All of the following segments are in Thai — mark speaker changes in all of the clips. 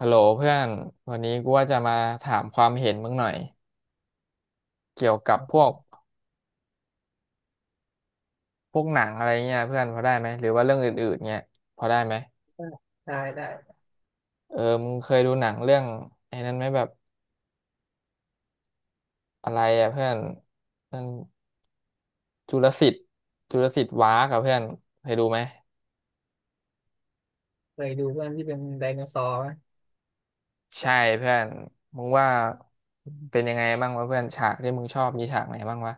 Speaker 1: ฮัลโหลเพื่อนวันนี้กูว่าจะมาถามความเห็นมึงหน่อยเกี่ยวกับพวกหนังอะไรเงี้ยเพื่อนพอได้ไหมหรือว่าเรื่องอื่นๆเงี้ยพอได้ไหม
Speaker 2: เออได้ได้
Speaker 1: เออมึงเคยดูหนังเรื่องไอ้นั้นไหมแบบอะไรอ่ะเพื่อนเรื่องจุลศิษย์จุลศิษย์ว้าร์กับเพื่อนเคยดูไหม
Speaker 2: เคยดูเพื่อนที่เป็นไดโนเสาร์ไหม
Speaker 1: ใช่เพื่อนมึงว่าเป็นยังไงบ้างวะเพื่อนฉากที่มึงชอบมีฉากไหนบ้างวะ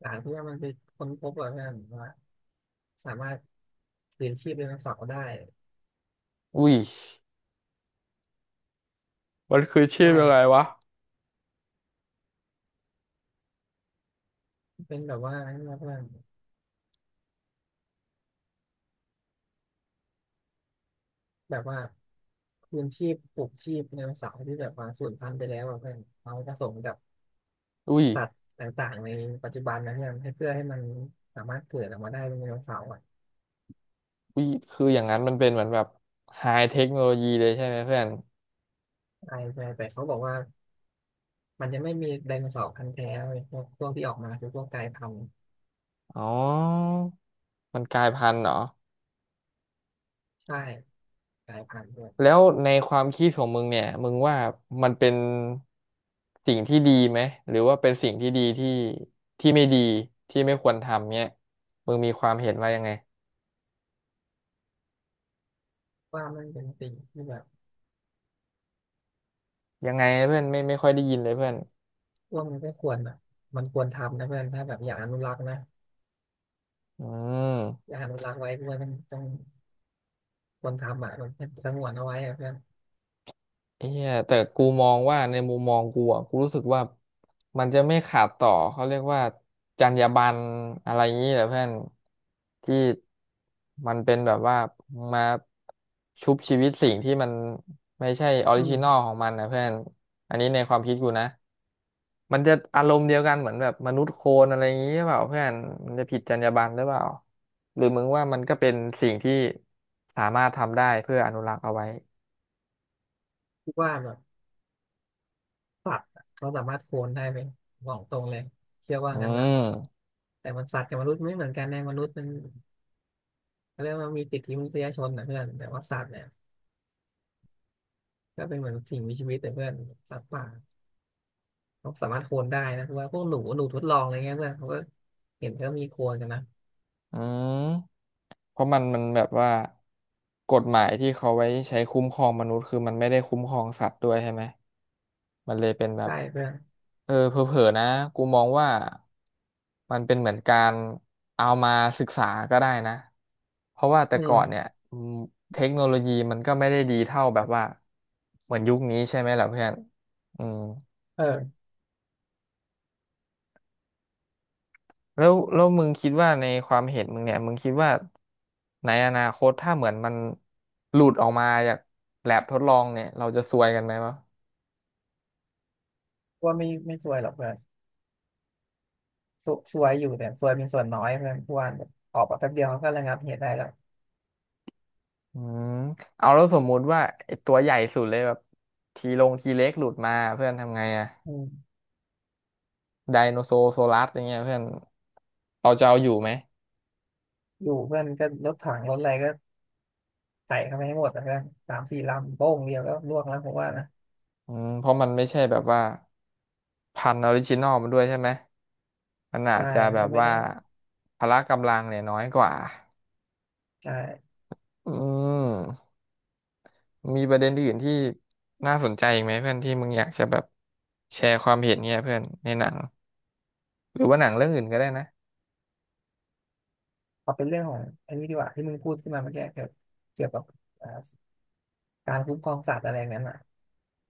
Speaker 2: หลังที่ว่ามันไปค้นพบเหรอเพื่อนว่าสามารถคืนชีพไดโนเสาร์ได้
Speaker 1: อุ้ยมันคือชื่ออะไร
Speaker 2: ได้
Speaker 1: วะ
Speaker 2: เป็นแบบว่านั่นนะเพื่อนแบบว่าคืนชีพปลุกชีพไดโนเสาร์ที่แบบว่าสูญพันธุ์ไปแล้วอะเพื่อนเอาผสมกับ
Speaker 1: อุ้ย
Speaker 2: สัตว์ต่างๆในปัจจุบันนะเพื่อนให้เพื่อให้มันสามารถเกิดออกมาได้เป็นไดโนเสาร์อะ
Speaker 1: อุ้ยคืออย่างนั้นมันเป็นเหมือนแบบไฮเทคโนโลยีเลยใช่ไหมเพื่อน
Speaker 2: ใช่ใช่แต่เขาบอกว่ามันจะไม่มีไดโนเสาร์พันธุ์แท้เลยพวกที่ออกมาคือพวกกลายพันธุ์
Speaker 1: อ๋อมันกลายพันธุ์เหรอ
Speaker 2: ใช่กลายพันธุ์ด้วย
Speaker 1: แล้วในความคิดของมึงเนี่ยมึงว่ามันเป็นสิ่งที่ดีไหมหรือว่าเป็นสิ่งที่ดีที่ไม่ดีที่ไม่ควรทำเนี่ยมึงมีความเห็นว่ายังไง
Speaker 2: ว่ามันเป็นสิ่งที่แบบ
Speaker 1: ยังไงเพื่อนไม่ค่อยได้ยินเลยเพื่อน
Speaker 2: ว่ามันก็ควรแบบมันควรทำนะเพื่อนถ้าแบบอยากอนุรักษ์นะ
Speaker 1: อืม
Speaker 2: อยากอนุรักษ์ไว้ด้วยมันต้องควรทำอ่ะมันสงวนเอาไว้อ่ะเพื่อน
Speaker 1: ไอ้เหี้ยแต่กูมองว่าในมุมมองกูอ่ะกูรู้สึกว่ามันจะไม่ขาดต่อเขาเรียกว่าจรรยาบรรณอะไรอย่างนี้แหละเพื่อนที่มันเป็นแบบว่ามาชุบชีวิตสิ่งที่มันไม่ใช่ออ
Speaker 2: อื
Speaker 1: ริจิ
Speaker 2: ม
Speaker 1: นอลของมันนะเพื่อนอันนี้ในความคิดกูนะมันจะอารมณ์เดียวกันเหมือนแบบมนุษย์โคลนอะไรอย่างนี้หรือเปล่าเพื่อนมันจะผิดจรรยาบรรณหรือเปล่าหรือมึงว่ามันก็เป็นสิ่งที่สามารถทำได้เพื่ออนุรักษ์เอาไว้
Speaker 2: คิดว่าแบบสัตว์อะเขาสามารถโคลนได้ไหมบอกตรงเลยเชื่อว่า
Speaker 1: อื
Speaker 2: งั้นนะ
Speaker 1: ม
Speaker 2: แต่มันสัตว์กับมนุษย์ไม่เหมือนกันนะมนุษย์มันเขาเรียกว่ามีสิทธิมนุษยชนนะเพื่อนแต่ว่าสัตว์เนี่ยก็เป็นเหมือนสิ่งมีชีวิตแต่เพื่อนสัตว์ป่าเขาสามารถโคลนได้นะคือว่าพวกหนูทดลองอะไรเงี้ยเพื่อนเขาก็เห็นก็มีโคลนกันนะ
Speaker 1: อืมเพราะมันแบบว่ากฎหมายที่เขาไว้ใช้คุ้มครองมนุษย์คือมันไม่ได้คุ้มครองสัตว์ด้วยใช่ไหมมันเลยเป็นแบบ
Speaker 2: ใช่เพื่อน
Speaker 1: เออเผลอๆนะกูมองว่ามันเป็นเหมือนการเอามาศึกษาก็ได้นะเพราะว่าแต่
Speaker 2: อื
Speaker 1: ก่อนเนี่ย
Speaker 2: ม
Speaker 1: อืมเทคโนโลยีมันก็ไม่ได้ดีเท่าแบบว่าเหมือนยุคนี้ใช่ไหมล่ะเพื่อนอืม
Speaker 2: เออ
Speaker 1: แล้วมึงคิดว่าในความเห็นมึงเนี่ยมึงคิดว่าในอนาคตถ้าเหมือนมันหลุดออกมาจากแลบทดลองเนี่ยเราจะซวยกันไหมวะ
Speaker 2: ว่าไม่ซวยหรอกเพื่อน สววยอยู่แต่สวยเป็นส่วนน้อยเพื่อนพวนแบบออกมาแป๊บเดียวเขาก็ระงับเหตุได้แล้ว
Speaker 1: อืมเอาแล้วสมมุติว่าไอ้ตัวใหญ่สุดเลยแบบทีลงทีเล็กหลุดมาเพื่อนทำไงอะ
Speaker 2: อืม
Speaker 1: ไดโนโซโซลัสอย่างเงี้ยเพื่อนเราจะเอาอยู่ไหม
Speaker 2: อยู่เพื่อนก็รถถังรถอะไรก็ใส่เข้าไปให้หมดนะเพื่อนสามสี่ลำโป้งเดียวก็ล่วงแล้วผมว่านะ
Speaker 1: อืมเพราะมันไม่ใช่แบบว่าพันธุ์ออริจินอลมันด้วยใช่ไหมมันอา
Speaker 2: ใช่
Speaker 1: จจะ
Speaker 2: มั
Speaker 1: แบ
Speaker 2: น
Speaker 1: บ
Speaker 2: ก็ไม่
Speaker 1: ว่า
Speaker 2: ได้
Speaker 1: พละกำลังเนี่ยน้อยกว่า
Speaker 2: ใช่
Speaker 1: อืม มีประเด็นอื่นที่น่าสนใจอีกไหมเพื่อนที่มึงอยากจะแบบแชร์ความเห็นเนี่ยเพื่อนในหนังหรือว่าหนังเรื่องอื่นก็ได้นะ
Speaker 2: พอเป็นเรื่องของอันนี้ดีกว่าที่มึงพูดขึ้นมาเมื่อกี้เกี่ยวกับอ่าการคุ้มครองสัตว์อะไรอย่างนั้นอ่ะ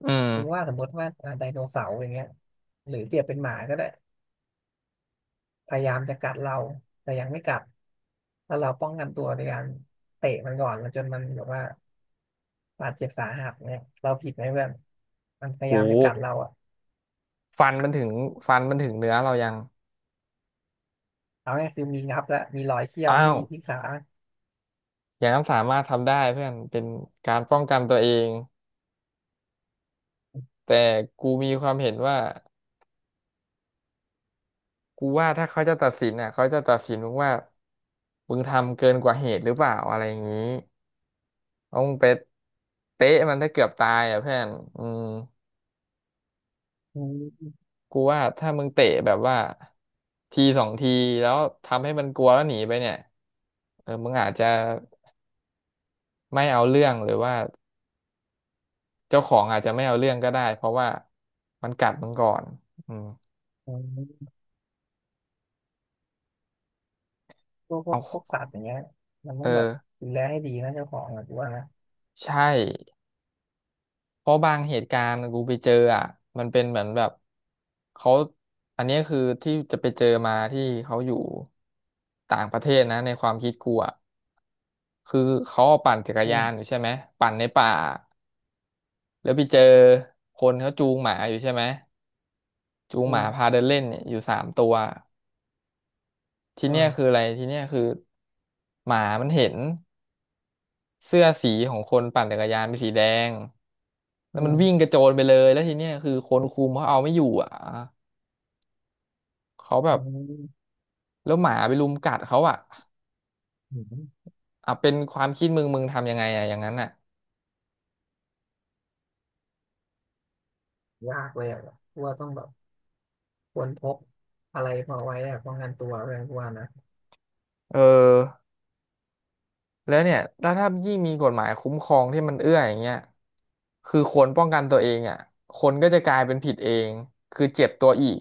Speaker 1: อืม
Speaker 2: คุณว่าสมมติว่าไดโนเสาร์อย่างเงี้ยหรือเปรียบเป็นหมาก็ได้พยายามจะกัดเราแต่ยังไม่กัดถ้าเราป้องกันตัวในการเตะมันก่อนแล้วจนมันแบบว่า บาดเจ็บสาหัสเนี่ยเราผิดไหมเพื่อนมันพยา
Speaker 1: โห
Speaker 2: ยามจะกัดเราอ่ะ
Speaker 1: ฟันมันถึงฟันมันถึงเนื้อเรายัง
Speaker 2: เอาง่ายคือมีงับและมีรอยเขี้ยว
Speaker 1: อ้า
Speaker 2: ที่
Speaker 1: ว
Speaker 2: ที่ขา
Speaker 1: อย่างนั้นสามารถทำได้เพื่อนเป็นการป้องกันตัวเองแต่กูมีความเห็นว่ากูว่าถ้าเขาจะตัดสินอ่ะเขาจะตัดสินมึงว่ามึงทำเกินกว่าเหตุหรือเปล่าอะไรอย่างนี้ต้องไปเตะมันถ้าเกือบตายอ่ะเพื่อนอืม
Speaker 2: อืม
Speaker 1: กูว่าถ้ามึงเตะแบบว่าทีสองทีแล้วทำให้มันกลัวแล้วหนีไปเนี่ยเออมึงอาจจะไม่เอาเรื่องหรือว่าเจ้าของอาจจะไม่เอาเรื่องก็ได้เพราะว่ามันกัดมึงก่อนอืม
Speaker 2: อืมพวกพ
Speaker 1: เ
Speaker 2: วกพวกสั
Speaker 1: อา
Speaker 2: ตว์อย่างเงี้ยมันต้
Speaker 1: เอ
Speaker 2: อ
Speaker 1: อ
Speaker 2: งแบบดูแลให้ดีนะเจ้าของอ่ะกูว่านะ
Speaker 1: ใช่เพราะบางเหตุการณ์กูไปเจออ่ะมันเป็นเหมือนแบบเขาอันนี้คือที่จะไปเจอมาที่เขาอยู่ต่างประเทศนะในความคิดกูอ่ะคือเขาปั่นจักร
Speaker 2: อื
Speaker 1: ยา
Speaker 2: ม
Speaker 1: นอยู่ใช่ไหมปั่นในป่า แล้วไปเจอคนเขาจูงหมาอยู่ใช่ไหมจูง
Speaker 2: อื
Speaker 1: หมาพา
Speaker 2: ม
Speaker 1: เดินเล่นเนี่ยอยู่สามตัว ที
Speaker 2: อื
Speaker 1: เนี้ยคือ
Speaker 2: ม
Speaker 1: อะไรทีเนี้ยคือหมามันเห็นเสื้อสีของคนปั่นจักรยานเป็นสีแดงแล้
Speaker 2: อื
Speaker 1: วมันวิ่งก
Speaker 2: ม
Speaker 1: ระโจนไปเลยแล้วทีเนี้ยคือคนคุมเขาเอาไม่อยู่อ่ะเขาแบ
Speaker 2: อื
Speaker 1: บ
Speaker 2: ม
Speaker 1: แล้วหมาไปรุมกัดเขาอ่ะ
Speaker 2: อืม
Speaker 1: อ่ะเป็นความคิดมึงทำยังไงอ่ะอย่างนั้นอ่ะ
Speaker 2: ยากเลยอ่ะกูว่าต้องแบบควรพกอะไรพอไว้อ่ะป้องกันตัวเพื่อนกูว่านะ
Speaker 1: เออ แล้วเนี่ยถ้ายิ่งมีกฎหมายคุ้มครองที่มันเอื้ออย่างเงี้ยคือคนป้องกันตัวเองอ่ะคนก็จะกลายเป็นผิดเอง คือเจ็บตัวอีก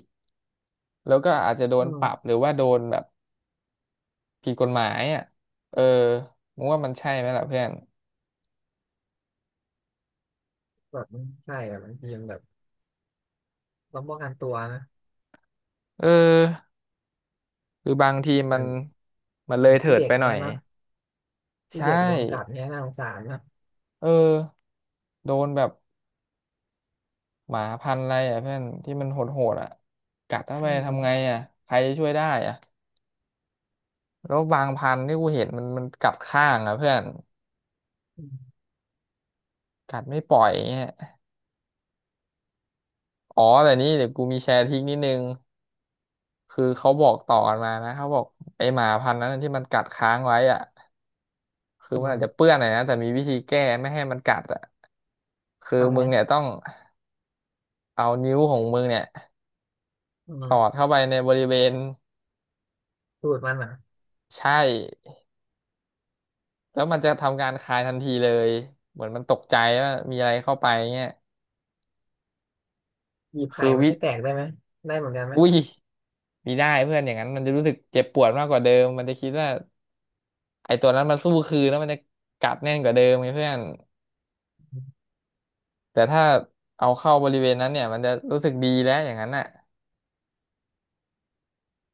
Speaker 1: แล้วก็อาจจะโด
Speaker 2: อื
Speaker 1: นปรั
Speaker 2: ม
Speaker 1: บหรือว่าโดนแบบผิดกฎหมายอ่ะเออมึงว่ามันใช่ไหมล่ะเพื่อน
Speaker 2: แบบมันใช่อ่ะบางทีมันแบบต้องป้องกันตัวนะ
Speaker 1: เออหรือบางที
Speaker 2: เห
Speaker 1: มั
Speaker 2: มือ
Speaker 1: น
Speaker 2: น
Speaker 1: มันเล
Speaker 2: เหมื
Speaker 1: ย
Speaker 2: อน
Speaker 1: เถิ
Speaker 2: ที่
Speaker 1: ด
Speaker 2: เด็ก
Speaker 1: ไปหน่อ
Speaker 2: เนี้ย
Speaker 1: ย
Speaker 2: เนาะที่
Speaker 1: ใช่
Speaker 2: เด็กโดนกัดเนี้ยน่าสงสารนะ
Speaker 1: เออโดนแบบหมาพันธุ์อะไรอ่ะเพื่อนที่มันโหดๆอ่ะกัดเข้าไป
Speaker 2: อื
Speaker 1: ทำไง
Speaker 2: ม
Speaker 1: อ่ะใครจะช่วยได้อ่ะ แล้วบางพันธุ์ที่กูเห็นมันกัดข้างอ่ะเพื่อน
Speaker 2: อืม
Speaker 1: กัดไม่ปล่อยเงี้ยอ๋อแต่นี่เดี๋ยวกูมีแชร์ทริกนิดนึงคือเขาบอกต่อกันมานะเขาบอกไอหมาพันธุ์นั้นที่มันกัดค้างไว้อ่ะคือ
Speaker 2: อื
Speaker 1: มันอาจ
Speaker 2: ม
Speaker 1: จะเปื้อนหน่อยนะแต่มีวิธีแก้ไม่ให้มันกัดอ่ะคือ
Speaker 2: ทำ
Speaker 1: มึ
Speaker 2: ไง
Speaker 1: งเนี่ยต้องเอานิ้วของมึงเนี่ย
Speaker 2: อื
Speaker 1: สอด
Speaker 2: ม
Speaker 1: เข้าไปในบริเวณ
Speaker 2: สูตรมันเหรอ
Speaker 1: ใช่แล้วมันจะทำการคายทันทีเลยเหมือนมันตกใจว่ามีอะไรเข้าไปเงี้ย
Speaker 2: หยิบไข่
Speaker 1: คือ
Speaker 2: มัน
Speaker 1: วิ
Speaker 2: ให้แตกได้ไหมได้เหมือนกันไหม
Speaker 1: อุ้ยมีได้เพื่อนอย่างนั้นมันจะรู้สึกเจ็บปวดมากกว่าเดิมมันจะคิดว่าไอ้ตัวนั้นมันสู้คืนแล้วมันจะกัดแน่นกว่าเดิมไงเพื่อน
Speaker 2: อืม
Speaker 1: แต่ถ้าเอาเข้าบริเวณนั้นเนี่ยมันจะรู้สึกดีแล้วอย่างนั้นน่ะ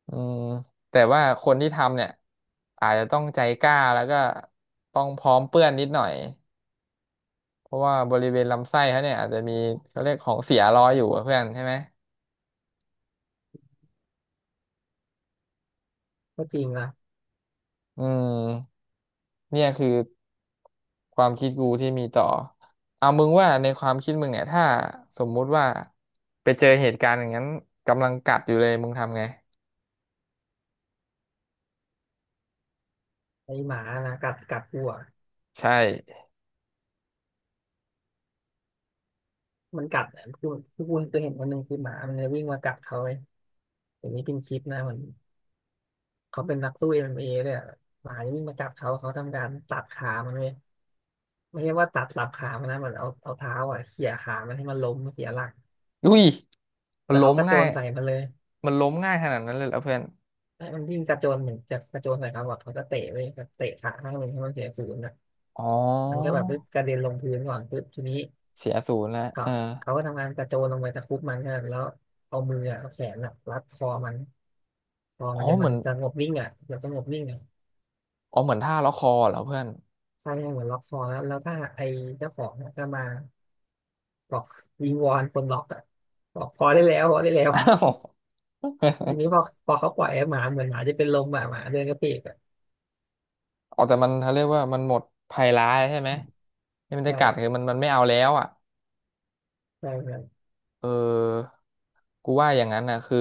Speaker 1: อืมแต่ว่าคนที่ทำเนี่ยอาจจะต้องใจกล้าแล้วก็ต้องพร้อมเปื้อนนิดหน่อยเพราะว่าบริเวณลำไส้เขาเนี่ยอาจจะมีเขาเรียกของเสียรออยู่อะเพื่อนใช่ไหม
Speaker 2: ก็จริงว่ะ
Speaker 1: อืม เนี่ยคือความคิดกูที่มีต่อ เอามึงว่าในความคิดมึงเนี่ยถ้าสมมุติว่าไปเจอเหตุการณ์อย่างนั้นกำลังกัดอยู่เลยมึงทำไง
Speaker 2: ไอหมานะกัดกูอ่ะ
Speaker 1: ใช่
Speaker 2: มันกัดอะคือคือกูเคยเห็นวันหนึ่งคือหมามันจะวิ่งมากัดเขาไอ้อย่างนี้เป็นคลิปนะเหมือนเขาเป็นนักสู้เอ็มเอเลยอะหมาจะวิ่งมากัดเขาเขาทำการตัดขามันเลยไม่ใช่ว่าตัดสับขามันนะเหมือนเอาเท้าอ่ะเขี่ยขามันให้มันล้มเสียหลัก
Speaker 1: อุ้ยมัน
Speaker 2: แล้ว
Speaker 1: ล้
Speaker 2: เขา
Speaker 1: ม
Speaker 2: กระโจ
Speaker 1: ง่าย
Speaker 2: นใส่มันเลย
Speaker 1: มันล้มง่ายขนาดนั้นเลยเหรอเพื่อน
Speaker 2: ไอ้มันวิ่งกระโจนเหมือนจะกระโจนใส่เขาอ่ะเขาก็เตะไปเตะขาข้างหนึ่งให้มันเสียศูนย์นะ
Speaker 1: อ๋อ
Speaker 2: มันก็แบบปึ๊บกระเด็นลงพื้นก่อนปึ๊บทีนี้
Speaker 1: เสียศูนย์แล้ว
Speaker 2: เขา
Speaker 1: เออ
Speaker 2: เขาก็ทำงานกระโจนลงไปตะครุบมันกันแล้วเอามืออะเอาแขนอะรัดคอมันคอ
Speaker 1: อ๋
Speaker 2: มั
Speaker 1: อ
Speaker 2: นจน
Speaker 1: เห
Speaker 2: มั
Speaker 1: มื
Speaker 2: น
Speaker 1: อน
Speaker 2: จะงบนิ่งอ่ะเกือบจะงบนิ่งอ่ะ
Speaker 1: อ๋อเหมือนท่าล็อกคอเหรอเพื่อน
Speaker 2: ใช่ใช่เหมือนล็อกคอแล้วถ้าไอ้เจ้าของอะก็มาบอกวิงวอนคนล็อกอ่ะบอกพอได้แล้วพอได้แล้ว
Speaker 1: อ้าว
Speaker 2: ทีนี้พอเขาปล่อยไอ้หมาเหมือนหมาจะเป็นลมอ่ะหมาเดินกระเพกอ่ะ
Speaker 1: อ๋อแต่มันเขาเรียกว่ามันหมดภัยร้ายใช่ไหม
Speaker 2: อืม
Speaker 1: ที่มันจะ
Speaker 2: ใช่
Speaker 1: กัดคือมันไม่เอาแล้วอ่ะ
Speaker 2: ใช่ครับ
Speaker 1: เออกูว่าอย่างนั้นนะคือ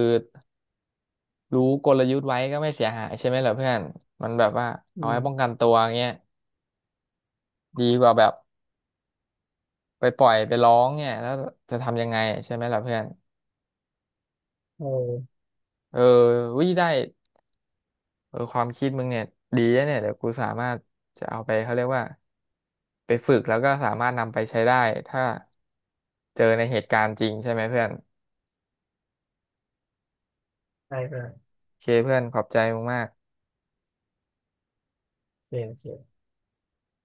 Speaker 1: รู้กลยุทธ์ไว้ก็ไม่เสียหายใช่ไหมเหรอเพื่อนมันแบบว่า
Speaker 2: อื
Speaker 1: เอาไว้
Speaker 2: ม
Speaker 1: ป้องกันตัวเงี้ยดีกว่าแบบไปปล่อยไปร้องเนี่ยแล้วจะทำยังไงใช่ไหมล่ะเพื่อน
Speaker 2: โอ้
Speaker 1: เออวิได้เออความคิดมึงเนี่ยดีนะเนี่ยเดี๋ยวกูสามารถจะเอาไปเขาเรียกว่าไปฝึกแล้วก็สามารถนำไปใช้ได้ถ้าเจอในเหตุการณ์จริงใช่ไหมเพื่อน
Speaker 2: ใช่ครับ
Speaker 1: โอเคเพื่อนขอบใจมึงมาก
Speaker 2: โอเคโอเค